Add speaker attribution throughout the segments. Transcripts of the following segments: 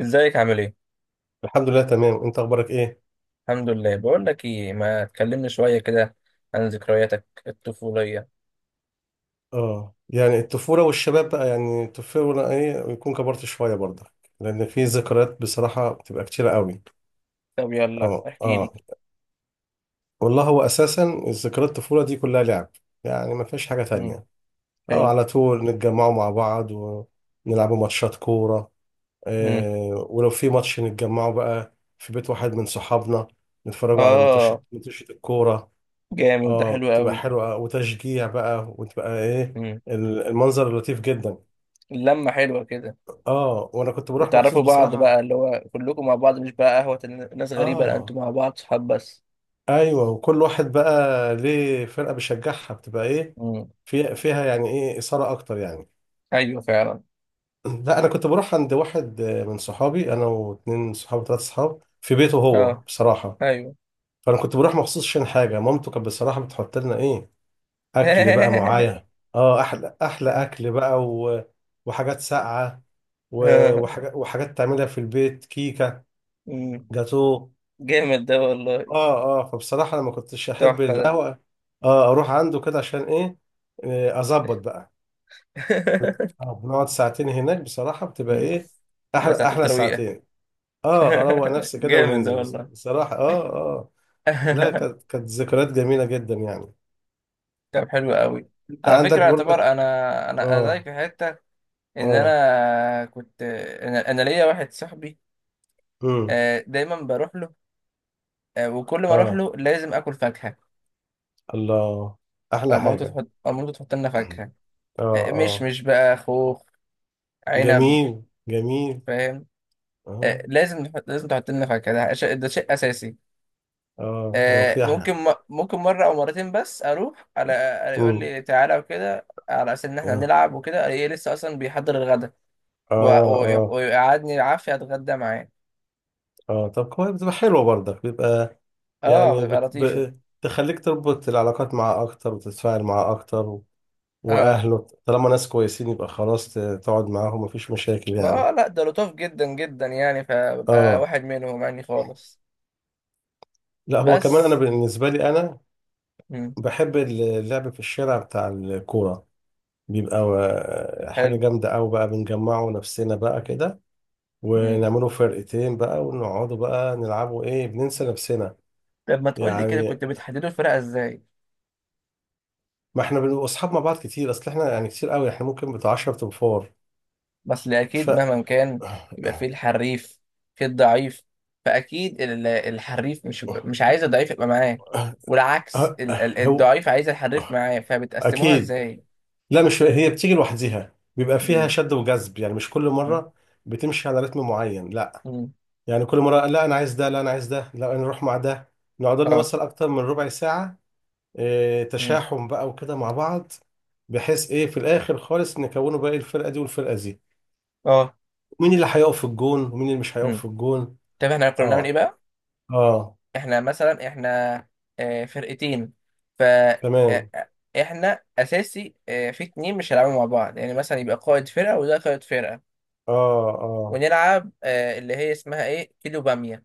Speaker 1: ازيك عامل ايه؟
Speaker 2: الحمد لله، تمام. انت اخبارك ايه؟
Speaker 1: الحمد لله. بقول لك ايه، ما تكلمني شوية كده عن ذكرياتك الطفولية.
Speaker 2: اه يعني الطفوله والشباب بقى، يعني الطفوله ايه ويكون كبرت شويه برضه. لان في ذكريات بصراحه بتبقى كتيره قوي.
Speaker 1: طب يلا
Speaker 2: اه
Speaker 1: احكي لي.
Speaker 2: اه. والله هو اساسا الذكريات الطفوله دي كلها لعب. يعني ما فيش حاجه
Speaker 1: مم.
Speaker 2: تانية. اه،
Speaker 1: حلو.
Speaker 2: على طول نتجمعوا مع بعض ونلعبوا ماتشات كوره.
Speaker 1: مم.
Speaker 2: آه، ولو في ماتش نتجمعوا بقى في بيت واحد من صحابنا، نتفرجوا على ماتش
Speaker 1: اه.
Speaker 2: ماتش الكوره.
Speaker 1: جامد ده،
Speaker 2: اه،
Speaker 1: حلو
Speaker 2: بتبقى
Speaker 1: قوي.
Speaker 2: حلوة وتشجيع بقى وتبقى ايه،
Speaker 1: مم.
Speaker 2: المنظر لطيف جدا.
Speaker 1: اللمة حلوة كده.
Speaker 2: اه وانا كنت بروح مخصوص
Speaker 1: وتعرفوا بعض
Speaker 2: بصراحة.
Speaker 1: بقى، اللي هو كلكم مع بعض، مش بقى قهوة ناس غريبة، لا انتوا
Speaker 2: اه
Speaker 1: مع بعض صحاب بس.
Speaker 2: ايوه، وكل واحد بقى ليه فرقة بيشجعها، بتبقى ايه،
Speaker 1: مم.
Speaker 2: فيها يعني ايه إثارة اكتر يعني.
Speaker 1: ايوه فعلا.
Speaker 2: لا، انا كنت بروح عند واحد من صحابي، انا واتنين صحابي، ثلاثة صحاب في بيته هو
Speaker 1: اه.
Speaker 2: بصراحة.
Speaker 1: ايوه.
Speaker 2: فانا كنت بروح مخصوص عشان حاجة، مامته كانت بصراحة بتحط لنا ايه، اكل بقى معايا. اه، احلى احلى اكل بقى، و... وحاجات ساقعه، و... وحاجات تعملها في البيت، كيكه،
Speaker 1: مم.
Speaker 2: جاتوه.
Speaker 1: جامد ده والله.
Speaker 2: اه اه، فبصراحه انا ما كنتش احب
Speaker 1: تحفة ده.
Speaker 2: القهوه. اه، اروح عنده كده عشان ايه، اظبط بقى. بنقعد ساعتين هناك، بصراحه بتبقى
Speaker 1: مم.
Speaker 2: ايه،
Speaker 1: تبقى
Speaker 2: احلى
Speaker 1: ساعتين
Speaker 2: احلى
Speaker 1: ترويقة.
Speaker 2: ساعتين. اه، اروق نفسي كده
Speaker 1: جامد ده
Speaker 2: وننزل،
Speaker 1: والله.
Speaker 2: بصراحه. اه اه. لا، كانت ذكريات جميله جدا يعني.
Speaker 1: طب حلو قوي.
Speaker 2: انت
Speaker 1: على
Speaker 2: عندك
Speaker 1: فكرة اعتبر
Speaker 2: برضك؟
Speaker 1: انا انا أنا زيك
Speaker 2: اه
Speaker 1: في حتة، ان
Speaker 2: اه.
Speaker 1: انا كنت أنا ليا واحد صاحبي.
Speaker 2: امم.
Speaker 1: دايما بروح له. وكل ما اروح
Speaker 2: اه،
Speaker 1: له لازم اكل فاكهة.
Speaker 2: الله، احلى حاجة.
Speaker 1: مامته تحط لنا فاكهة.
Speaker 2: اه
Speaker 1: مش
Speaker 2: اه.
Speaker 1: مش بقى خوخ، عنب.
Speaker 2: جميل جميل.
Speaker 1: فاهم.
Speaker 2: اه
Speaker 1: لازم تحط لنا فاكهة، ده شيء اساسي.
Speaker 2: اه، هو في
Speaker 1: ممكن
Speaker 2: احلى.
Speaker 1: ممكن مرة أو مرتين بس. أروح على يقول
Speaker 2: امم.
Speaker 1: لي تعالى وكده، على أساس إن إحنا
Speaker 2: اه
Speaker 1: هنلعب وكده، ألاقيه لسه أصلا بيحضر الغدا
Speaker 2: اه اه
Speaker 1: ويقعدني العافية أتغدى معاه.
Speaker 2: اه طب كويس، بتبقى حلوة برضك، بيبقى
Speaker 1: أه
Speaker 2: يعني،
Speaker 1: بيبقى
Speaker 2: بت...
Speaker 1: لطيفة.
Speaker 2: ب... تخليك تربط العلاقات معاه اكتر وتتفاعل معاه اكتر، و...
Speaker 1: أه.
Speaker 2: واهله طالما ناس كويسين يبقى خلاص، تقعد معاهم مفيش مشاكل
Speaker 1: ما
Speaker 2: يعني.
Speaker 1: لأ، ده لطاف جدا جدا، يعني فببقى
Speaker 2: اه،
Speaker 1: واحد منهم يعني خالص.
Speaker 2: لا هو كمان انا
Speaker 1: بس.
Speaker 2: بالنسبة لي انا
Speaker 1: مم.
Speaker 2: بحب اللعب في الشارع بتاع الكورة، بيبقى حاجة
Speaker 1: حلو.
Speaker 2: جامدة أوي بقى، بنجمعه نفسنا بقى كده،
Speaker 1: مم.
Speaker 2: ونعمله فرقتين بقى، ونقعدوا بقى نلعبوا إيه، بننسى نفسنا.
Speaker 1: طب ما تقول لي كده،
Speaker 2: يعني
Speaker 1: كنت بتحددوا الفرقة إزاي؟
Speaker 2: ما إحنا بنبقى أصحاب مع بعض كتير، أصل إحنا يعني كتير أوي، إحنا ممكن بتاع 10 تنفار.
Speaker 1: بس
Speaker 2: ف
Speaker 1: اكيد مهما كان يبقى فيه الحريف، في الضعيف. فاكيد الحريف مش عايز الضعيف يبقى معاه، والعكس
Speaker 2: هو
Speaker 1: الضعيف عايز الحريف معاه، فبتقسموها
Speaker 2: أكيد،
Speaker 1: ازاي؟
Speaker 2: لا مش هي بتيجي لوحديها، بيبقى فيها
Speaker 1: مم.
Speaker 2: شد وجذب، يعني مش كل
Speaker 1: مم.
Speaker 2: مرة بتمشي على رتم معين، لا.
Speaker 1: مم.
Speaker 2: يعني كل مرة لا أنا عايز ده، لا أنا عايز ده، لا أنا أروح مع ده. نقعد لنا
Speaker 1: اه.
Speaker 2: مثلا أكتر من ربع ساعة،
Speaker 1: مم.
Speaker 2: تشاحم بقى وكده مع بعض، بحيث ايه في الاخر خالص نكونوا بقى الفرقه دي والفرقه دي،
Speaker 1: اه.
Speaker 2: مين اللي هيقف في الجون ومين اللي مش هيقف
Speaker 1: مم.
Speaker 2: في الجون.
Speaker 1: طب احنا كنا بنعمل ايه
Speaker 2: اه
Speaker 1: بقى؟
Speaker 2: اه،
Speaker 1: احنا مثلا فرقتين. ف آه،
Speaker 2: تمام.
Speaker 1: آه، احنا اساسي في اتنين مش هيلعبوا مع بعض، يعني مثلا يبقى قائد فرقة وده قائد فرقة.
Speaker 2: اه اه
Speaker 1: ونلعب اللي هي اسمها ايه، كيلو بامية.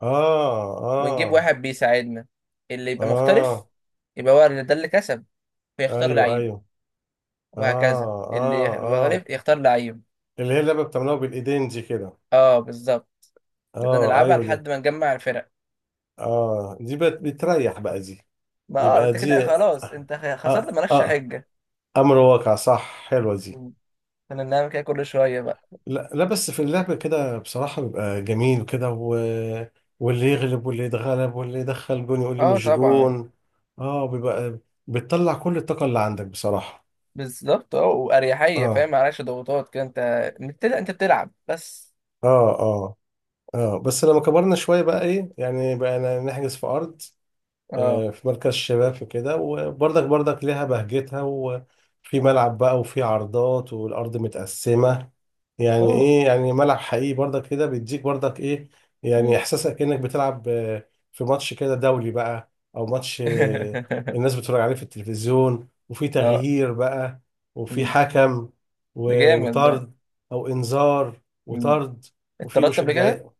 Speaker 2: اه
Speaker 1: ونجيب
Speaker 2: اه
Speaker 1: واحد بيساعدنا اللي يبقى مختلف،
Speaker 2: اه،
Speaker 1: يبقى هو اللي ده اللي كسب، فيختار
Speaker 2: ايوه
Speaker 1: لعيب.
Speaker 2: ايوه.
Speaker 1: وهكذا
Speaker 2: اه اه
Speaker 1: يبقى
Speaker 2: اه.
Speaker 1: غالب يختار لعيب.
Speaker 2: اللي هي اللعبه بتعملوها بالايدين دي كده.
Speaker 1: اه بالظبط. نبدأ
Speaker 2: اه
Speaker 1: نلعبها
Speaker 2: ايوه ده.
Speaker 1: لحد ما نجمع الفرق.
Speaker 2: اه، دي بتريح بقى دي،
Speaker 1: ما اه،
Speaker 2: يبقى
Speaker 1: انت كده
Speaker 2: دي.
Speaker 1: خلاص، انت خسرت،
Speaker 2: آه
Speaker 1: مالكش
Speaker 2: آه،
Speaker 1: حجة.
Speaker 2: امر واقع، صح، حلوه دي.
Speaker 1: مم. كنا بنعمل كده كل شوية بقى.
Speaker 2: لا لا، بس في اللعب كده بصراحة بيبقى جميل وكده، و... واللي يغلب واللي يتغلب واللي يدخل جون يقول لي
Speaker 1: اه
Speaker 2: مش
Speaker 1: طبعا.
Speaker 2: جون. اه، بيبقى بتطلع كل الطاقة اللي عندك بصراحة.
Speaker 1: بالظبط. اه وأريحية،
Speaker 2: اه
Speaker 1: فاهم؟ معلكش ضغوطات كده انت. انت بتلعب بس.
Speaker 2: اه اه اه. بس لما كبرنا شوية بقى، ايه يعني، بقى نحجز في أرض،
Speaker 1: اه
Speaker 2: في مركز الشباب في كده، وبرضك لها بهجتها، وفي ملعب بقى وفي عرضات والأرض متقسمة. يعني
Speaker 1: اه.
Speaker 2: إيه، يعني ملعب حقيقي برضك كده بيديك برضك إيه، يعني
Speaker 1: مم.
Speaker 2: إحساسك كأنك بتلعب في ماتش كده دولي بقى، أو ماتش الناس بتتفرج عليه في التلفزيون، وفي
Speaker 1: اه.
Speaker 2: تغيير بقى، وفي
Speaker 1: مم.
Speaker 2: حكم،
Speaker 1: ده جامد ده.
Speaker 2: وطرد، أو إنذار
Speaker 1: مم.
Speaker 2: وطرد، وفي
Speaker 1: اتطردت قبل كده؟
Speaker 2: مشجعين.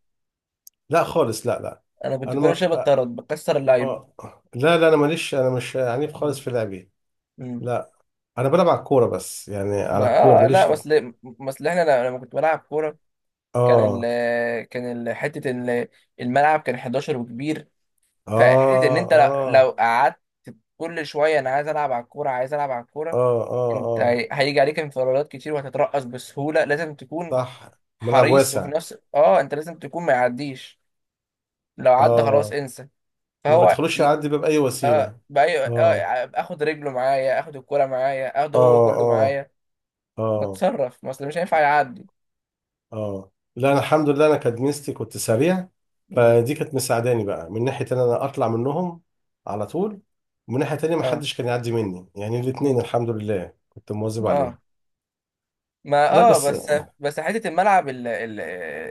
Speaker 2: لا خالص، لا لا.
Speaker 1: انا كنت
Speaker 2: انا
Speaker 1: كل
Speaker 2: ما.
Speaker 1: شويه بتطرد بكسر اللعيبه.
Speaker 2: اه، لا لا انا ماليش، انا مش عنيف خالص
Speaker 1: مم.
Speaker 2: في لعبي.
Speaker 1: امم.
Speaker 2: لا انا بلعب على الكوره بس، يعني على
Speaker 1: ما
Speaker 2: الكوره
Speaker 1: آه، لا،
Speaker 2: ماليش اه.
Speaker 1: بس ل- بس ل- احنا ل- لما كنت بلعب كوره، كان
Speaker 2: اه
Speaker 1: ال كان ال حته ال- الملعب كان 11 وكبير. فحته ان
Speaker 2: اه
Speaker 1: انت لو قعدت كل شويه، انا عايز العب على الكوره، عايز العب على
Speaker 2: اه
Speaker 1: الكوره،
Speaker 2: اه
Speaker 1: انت
Speaker 2: اه
Speaker 1: هيجي عليك انفرادات كتير وهتترقص بسهوله. لازم تكون
Speaker 2: صح، ملعب
Speaker 1: حريص، وفي
Speaker 2: واسع.
Speaker 1: نفس انت لازم تكون ما يعديش. لو عدى خلاص
Speaker 2: اه،
Speaker 1: انسى.
Speaker 2: ما
Speaker 1: فهو
Speaker 2: بتخلوش
Speaker 1: ي-
Speaker 2: يعدي باب، اي
Speaker 1: اه
Speaker 2: وسيله.
Speaker 1: بأي... اه
Speaker 2: اه
Speaker 1: آه، اخد رجله معايا، اخد الكوره معايا،
Speaker 2: اه
Speaker 1: اخده هو كله
Speaker 2: اه
Speaker 1: معايا،
Speaker 2: اه
Speaker 1: بتصرف، ما اصل مش هينفع يعدي.
Speaker 2: اه. لا انا الحمد لله، انا كدميستي كنت سريع،
Speaker 1: مم.
Speaker 2: فدي كانت مساعداني بقى من ناحيه ان انا اطلع منهم على طول، ومن ناحيه تانية
Speaker 1: اه.
Speaker 2: محدش كان يعدي مني، يعني الاتنين
Speaker 1: مم.
Speaker 2: الحمد لله كنت مواظب عليهم.
Speaker 1: اه. ما
Speaker 2: لا بس،
Speaker 1: بس، بس حته الملعب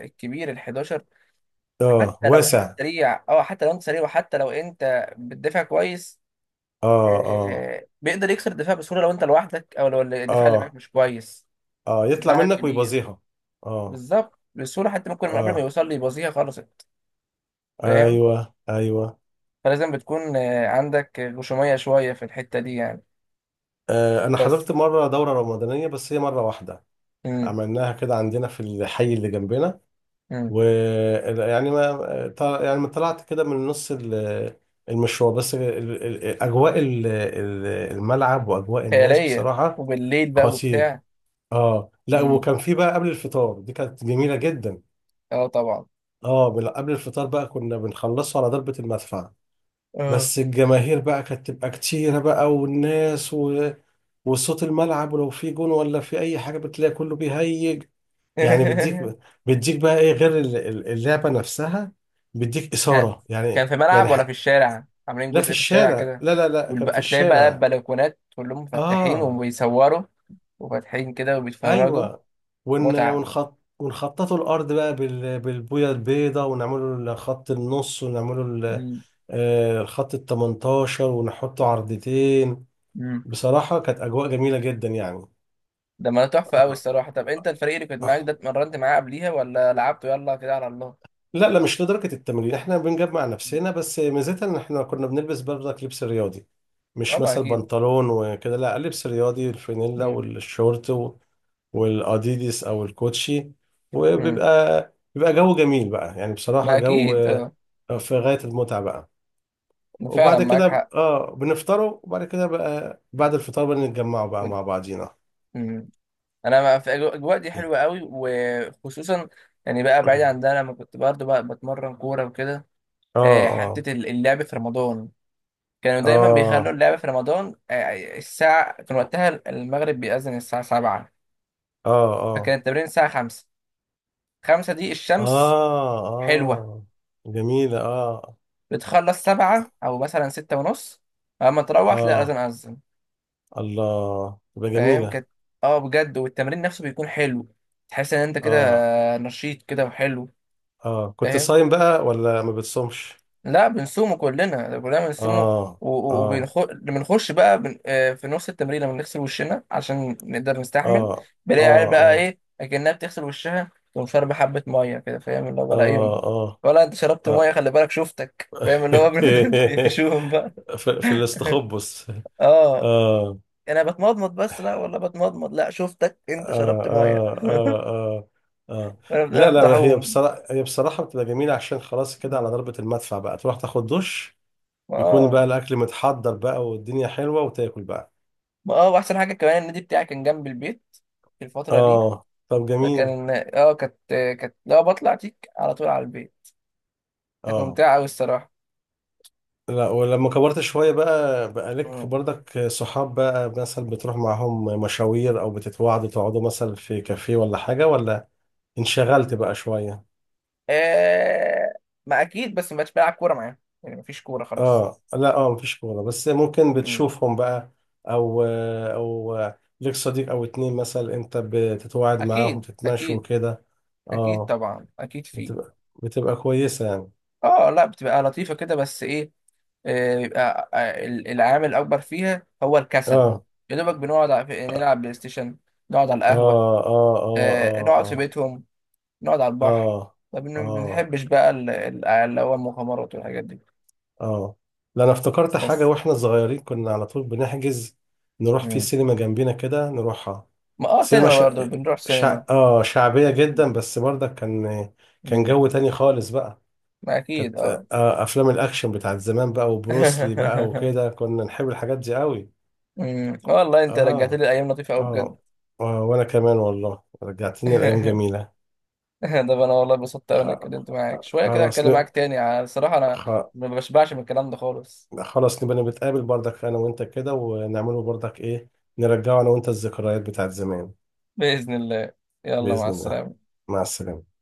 Speaker 1: الكبير ال 11،
Speaker 2: اه
Speaker 1: حتى لو انت
Speaker 2: واسع.
Speaker 1: سريع، حتى لو انت سريع وحتى لو انت بتدافع كويس،
Speaker 2: اه اه
Speaker 1: آه بيقدر يكسر الدفاع بسهوله لو انت لوحدك او لو الدفاع اللي معاك
Speaker 2: اه
Speaker 1: مش كويس.
Speaker 2: اه يطلع
Speaker 1: ملعب
Speaker 2: منك
Speaker 1: كبير.
Speaker 2: ويبازيها. اه
Speaker 1: بالظبط، بسهوله. حتى ممكن من قبل ما
Speaker 2: اه،
Speaker 1: يوصل لي يبوظيها خلصت. فاهم.
Speaker 2: ايوه ايوه.
Speaker 1: فلازم بتكون عندك غشوميه شويه في الحته دي يعني.
Speaker 2: آه، انا حضرت
Speaker 1: بس.
Speaker 2: مره دوره رمضانيه بس، هي مره واحده، عملناها كده عندنا في الحي اللي جنبنا.
Speaker 1: امم.
Speaker 2: و يعني ما طلعت كده من نص المشوار، بس اجواء الملعب واجواء الناس
Speaker 1: خيالية،
Speaker 2: بصراحه
Speaker 1: وبالليل بقى
Speaker 2: خطير.
Speaker 1: وبتاع.
Speaker 2: اه لا،
Speaker 1: مم.
Speaker 2: وكان في بقى قبل الفطار، دي كانت جميله جدا.
Speaker 1: اه طبعا.
Speaker 2: اه، قبل الفطار بقى كنا بنخلصه على ضربة المدفع،
Speaker 1: اه.
Speaker 2: بس الجماهير بقى كانت تبقى كتيرة بقى، والناس، و... وصوت الملعب، ولو في جون ولا في أي حاجة بتلاقي كله بيهيج، يعني بيديك بقى إيه غير اللعبة نفسها، بيديك
Speaker 1: ها،
Speaker 2: إثارة يعني.
Speaker 1: كان في
Speaker 2: يعني
Speaker 1: ملعب ولا في
Speaker 2: ح...
Speaker 1: الشارع عاملين
Speaker 2: لا، في
Speaker 1: جزء في الشارع
Speaker 2: الشارع،
Speaker 1: كده؟
Speaker 2: لا لا لا، كان في
Speaker 1: والبقى تلاقي بقى
Speaker 2: الشارع.
Speaker 1: البلكونات كلهم مفتحين
Speaker 2: آه
Speaker 1: وبيصوروا، وفاتحين كده وبيتفرجوا.
Speaker 2: ايوه، ون
Speaker 1: متعة.
Speaker 2: ونخط ونخططوا الارض بقى بالبويه البيضاء، ونعمله خط النص، ونعمله ال...
Speaker 1: مم.
Speaker 2: الخط ال 18 ونحطه عرضتين.
Speaker 1: مم.
Speaker 2: بصراحه كانت اجواء جميله جدا يعني.
Speaker 1: ده ما تحفة أوي
Speaker 2: آه.
Speaker 1: الصراحة. طب أنت الفريق اللي كنت معاك
Speaker 2: آه.
Speaker 1: ده اتمرنت معاه قبليها ولا لعبته يلا كده على الله؟
Speaker 2: لا لا، مش لدرجه التمرين، احنا بنجمع
Speaker 1: مم.
Speaker 2: نفسنا بس، ميزتها ان احنا كنا بنلبس برضك لبس رياضي،
Speaker 1: اه
Speaker 2: مش
Speaker 1: ما
Speaker 2: مثلا
Speaker 1: أكيد.
Speaker 2: بنطلون وكده، لا، لبس رياضي الفانيلا
Speaker 1: مم.
Speaker 2: والشورت والاديدس او الكوتشي،
Speaker 1: مم.
Speaker 2: وبيبقى جو جميل بقى، يعني بصراحة
Speaker 1: ما
Speaker 2: جو
Speaker 1: أكيد اه.
Speaker 2: في غاية المتعة بقى.
Speaker 1: فعلا
Speaker 2: وبعد
Speaker 1: معاك
Speaker 2: كده
Speaker 1: حق.
Speaker 2: اه بنفطروا، وبعد كده بقى بعد الفطار بنتجمعوا بقى مع بعضينا.
Speaker 1: مم. انا في الاجواء دي حلوه قوي، وخصوصا يعني بقى، بعيد عن ده، لما كنت برضه بقى بتمرن كوره وكده.
Speaker 2: اه اه
Speaker 1: حته اللعب في رمضان، كانوا دايما بيخلوا
Speaker 2: اه
Speaker 1: اللعب في رمضان الساعه كان وقتها المغرب بيأذن الساعه 7.
Speaker 2: اه اه
Speaker 1: فكان التمرين الساعه 5، 5 دي الشمس
Speaker 2: اه
Speaker 1: حلوه.
Speaker 2: اه. جميلة. اه
Speaker 1: بتخلص 7 او مثلا 6 ونص، اما تروح تلاقي اذان
Speaker 2: اه
Speaker 1: اذن
Speaker 2: الله، تبقى
Speaker 1: فاهم
Speaker 2: جميلة.
Speaker 1: كانت، اه بجد، والتمرين نفسه بيكون حلو، تحس ان انت كده
Speaker 2: اه
Speaker 1: نشيط كده وحلو.
Speaker 2: اه، كنت
Speaker 1: فاهم.
Speaker 2: صايم بقى ولا ما بتصومش؟
Speaker 1: لا بنصومه كلنا، ده كلنا بنصومه.
Speaker 2: اه اه
Speaker 1: وبنخش بقى بن... آه، في نص التمرين، لما بنغسل وشنا عشان نقدر نستحمل.
Speaker 2: اه
Speaker 1: بلاقي
Speaker 2: اه
Speaker 1: عيال بقى،
Speaker 2: اه
Speaker 1: ايه اكنها بتغسل وشها تقوم شاربة حبة مية كده. فاهم؟ اللي هو
Speaker 2: اه
Speaker 1: بقى ايه،
Speaker 2: اه.
Speaker 1: ولا انت شربت مية،
Speaker 2: آه.
Speaker 1: خلي بالك شفتك. فاهم اللي هو بنقعد نقفشوهم
Speaker 2: في,
Speaker 1: بقى.
Speaker 2: في الاستخبص. آه.
Speaker 1: اه.
Speaker 2: آه.
Speaker 1: انا بتمضمض بس، لا والله بتمضمض، لا شفتك انت
Speaker 2: آه.
Speaker 1: شربت مية.
Speaker 2: آه. آه. آه.
Speaker 1: وانا
Speaker 2: لا
Speaker 1: بنقعد
Speaker 2: لا، هي
Speaker 1: نفضحوهم.
Speaker 2: بصراحة بتبقى جميلة، عشان خلاص كده على ضربة المدفع بقى تروح تاخد دش، يكون
Speaker 1: اه.
Speaker 2: بقى الأكل متحضر بقى والدنيا حلوة وتاكل بقى.
Speaker 1: ما واحسن حاجة كمان، النادي بتاعي كان جنب البيت في الفترة دي.
Speaker 2: اه طب جميل.
Speaker 1: فكان اه كانت كانت لا، بطلع تيك على طول على البيت. كانت
Speaker 2: اه
Speaker 1: ممتعة أوي الصراحة.
Speaker 2: لا، ولما كبرت شوية بقى لك
Speaker 1: مم.
Speaker 2: برضك صحاب بقى، مثلا بتروح معاهم مشاوير، أو بتتواعدوا تقعدوا مثلا في كافيه ولا حاجة، ولا انشغلت بقى شوية.
Speaker 1: آه. ما أكيد، بس ما بقتش بلعب كورة معاهم، يعني مفيش كورة خلاص.
Speaker 2: اه لا، اه مفيش كورة، بس ممكن
Speaker 1: مم.
Speaker 2: بتشوفهم بقى، او ليك صديق او اتنين مثلا، انت بتتواعد معاهم
Speaker 1: أكيد
Speaker 2: تتمشوا
Speaker 1: أكيد.
Speaker 2: كده.
Speaker 1: أكيد
Speaker 2: اه،
Speaker 1: طبعا أكيد فيه.
Speaker 2: بتبقى كويسة يعني.
Speaker 1: اه لا، بتبقى لطيفة كده، بس إيه، بيبقى العامل الأكبر فيها هو الكسل.
Speaker 2: اه
Speaker 1: يا دوبك بنقعد على نلعب بلاي ستيشن، نقعد على
Speaker 2: اه
Speaker 1: القهوة،
Speaker 2: اه اه
Speaker 1: نقعد في
Speaker 2: اه
Speaker 1: بيتهم، نقعد على
Speaker 2: اه
Speaker 1: البحر. ما
Speaker 2: اه اه
Speaker 1: بنحبش بقى اللي هو المغامرات والحاجات دي.
Speaker 2: اه. لا، انا افتكرت حاجة،
Speaker 1: بس.
Speaker 2: واحنا صغيرين كنا على طول بنحجز، نروح في
Speaker 1: مم.
Speaker 2: سينما جنبينا كده نروحها،
Speaker 1: ما
Speaker 2: سينما
Speaker 1: سينما
Speaker 2: شع...
Speaker 1: برضه بنروح
Speaker 2: شع...
Speaker 1: سينما.
Speaker 2: اه شعبية جدا بس، برضك كان كان
Speaker 1: امم.
Speaker 2: جو تاني خالص بقى،
Speaker 1: ما اكيد
Speaker 2: كانت
Speaker 1: اه.
Speaker 2: آه افلام الاكشن بتاعت زمان بقى، وبروسلي بقى وكده، كنا نحب الحاجات دي قوي.
Speaker 1: والله انت رجعت
Speaker 2: اه
Speaker 1: لي ايام لطيفه قوي بجد.
Speaker 2: اه، وانا كمان والله رجعتني لايام جميله.
Speaker 1: ده انا والله اتبسطت قوي اني
Speaker 2: خ-
Speaker 1: اتكلمت معاك شويه كده.
Speaker 2: خلاص
Speaker 1: هتكلم
Speaker 2: ن...
Speaker 1: معاك تاني على الصراحه انا،
Speaker 2: خ...
Speaker 1: ما بشبعش من الكلام ده خالص.
Speaker 2: خلاص نبقى نتقابل برضك انا وانت كده، ونعمله برضك ايه، نرجعه انا وانت الذكريات بتاعت زمان.
Speaker 1: باذن الله. يلا مع
Speaker 2: باذن الله.
Speaker 1: السلامه.
Speaker 2: مع السلامه.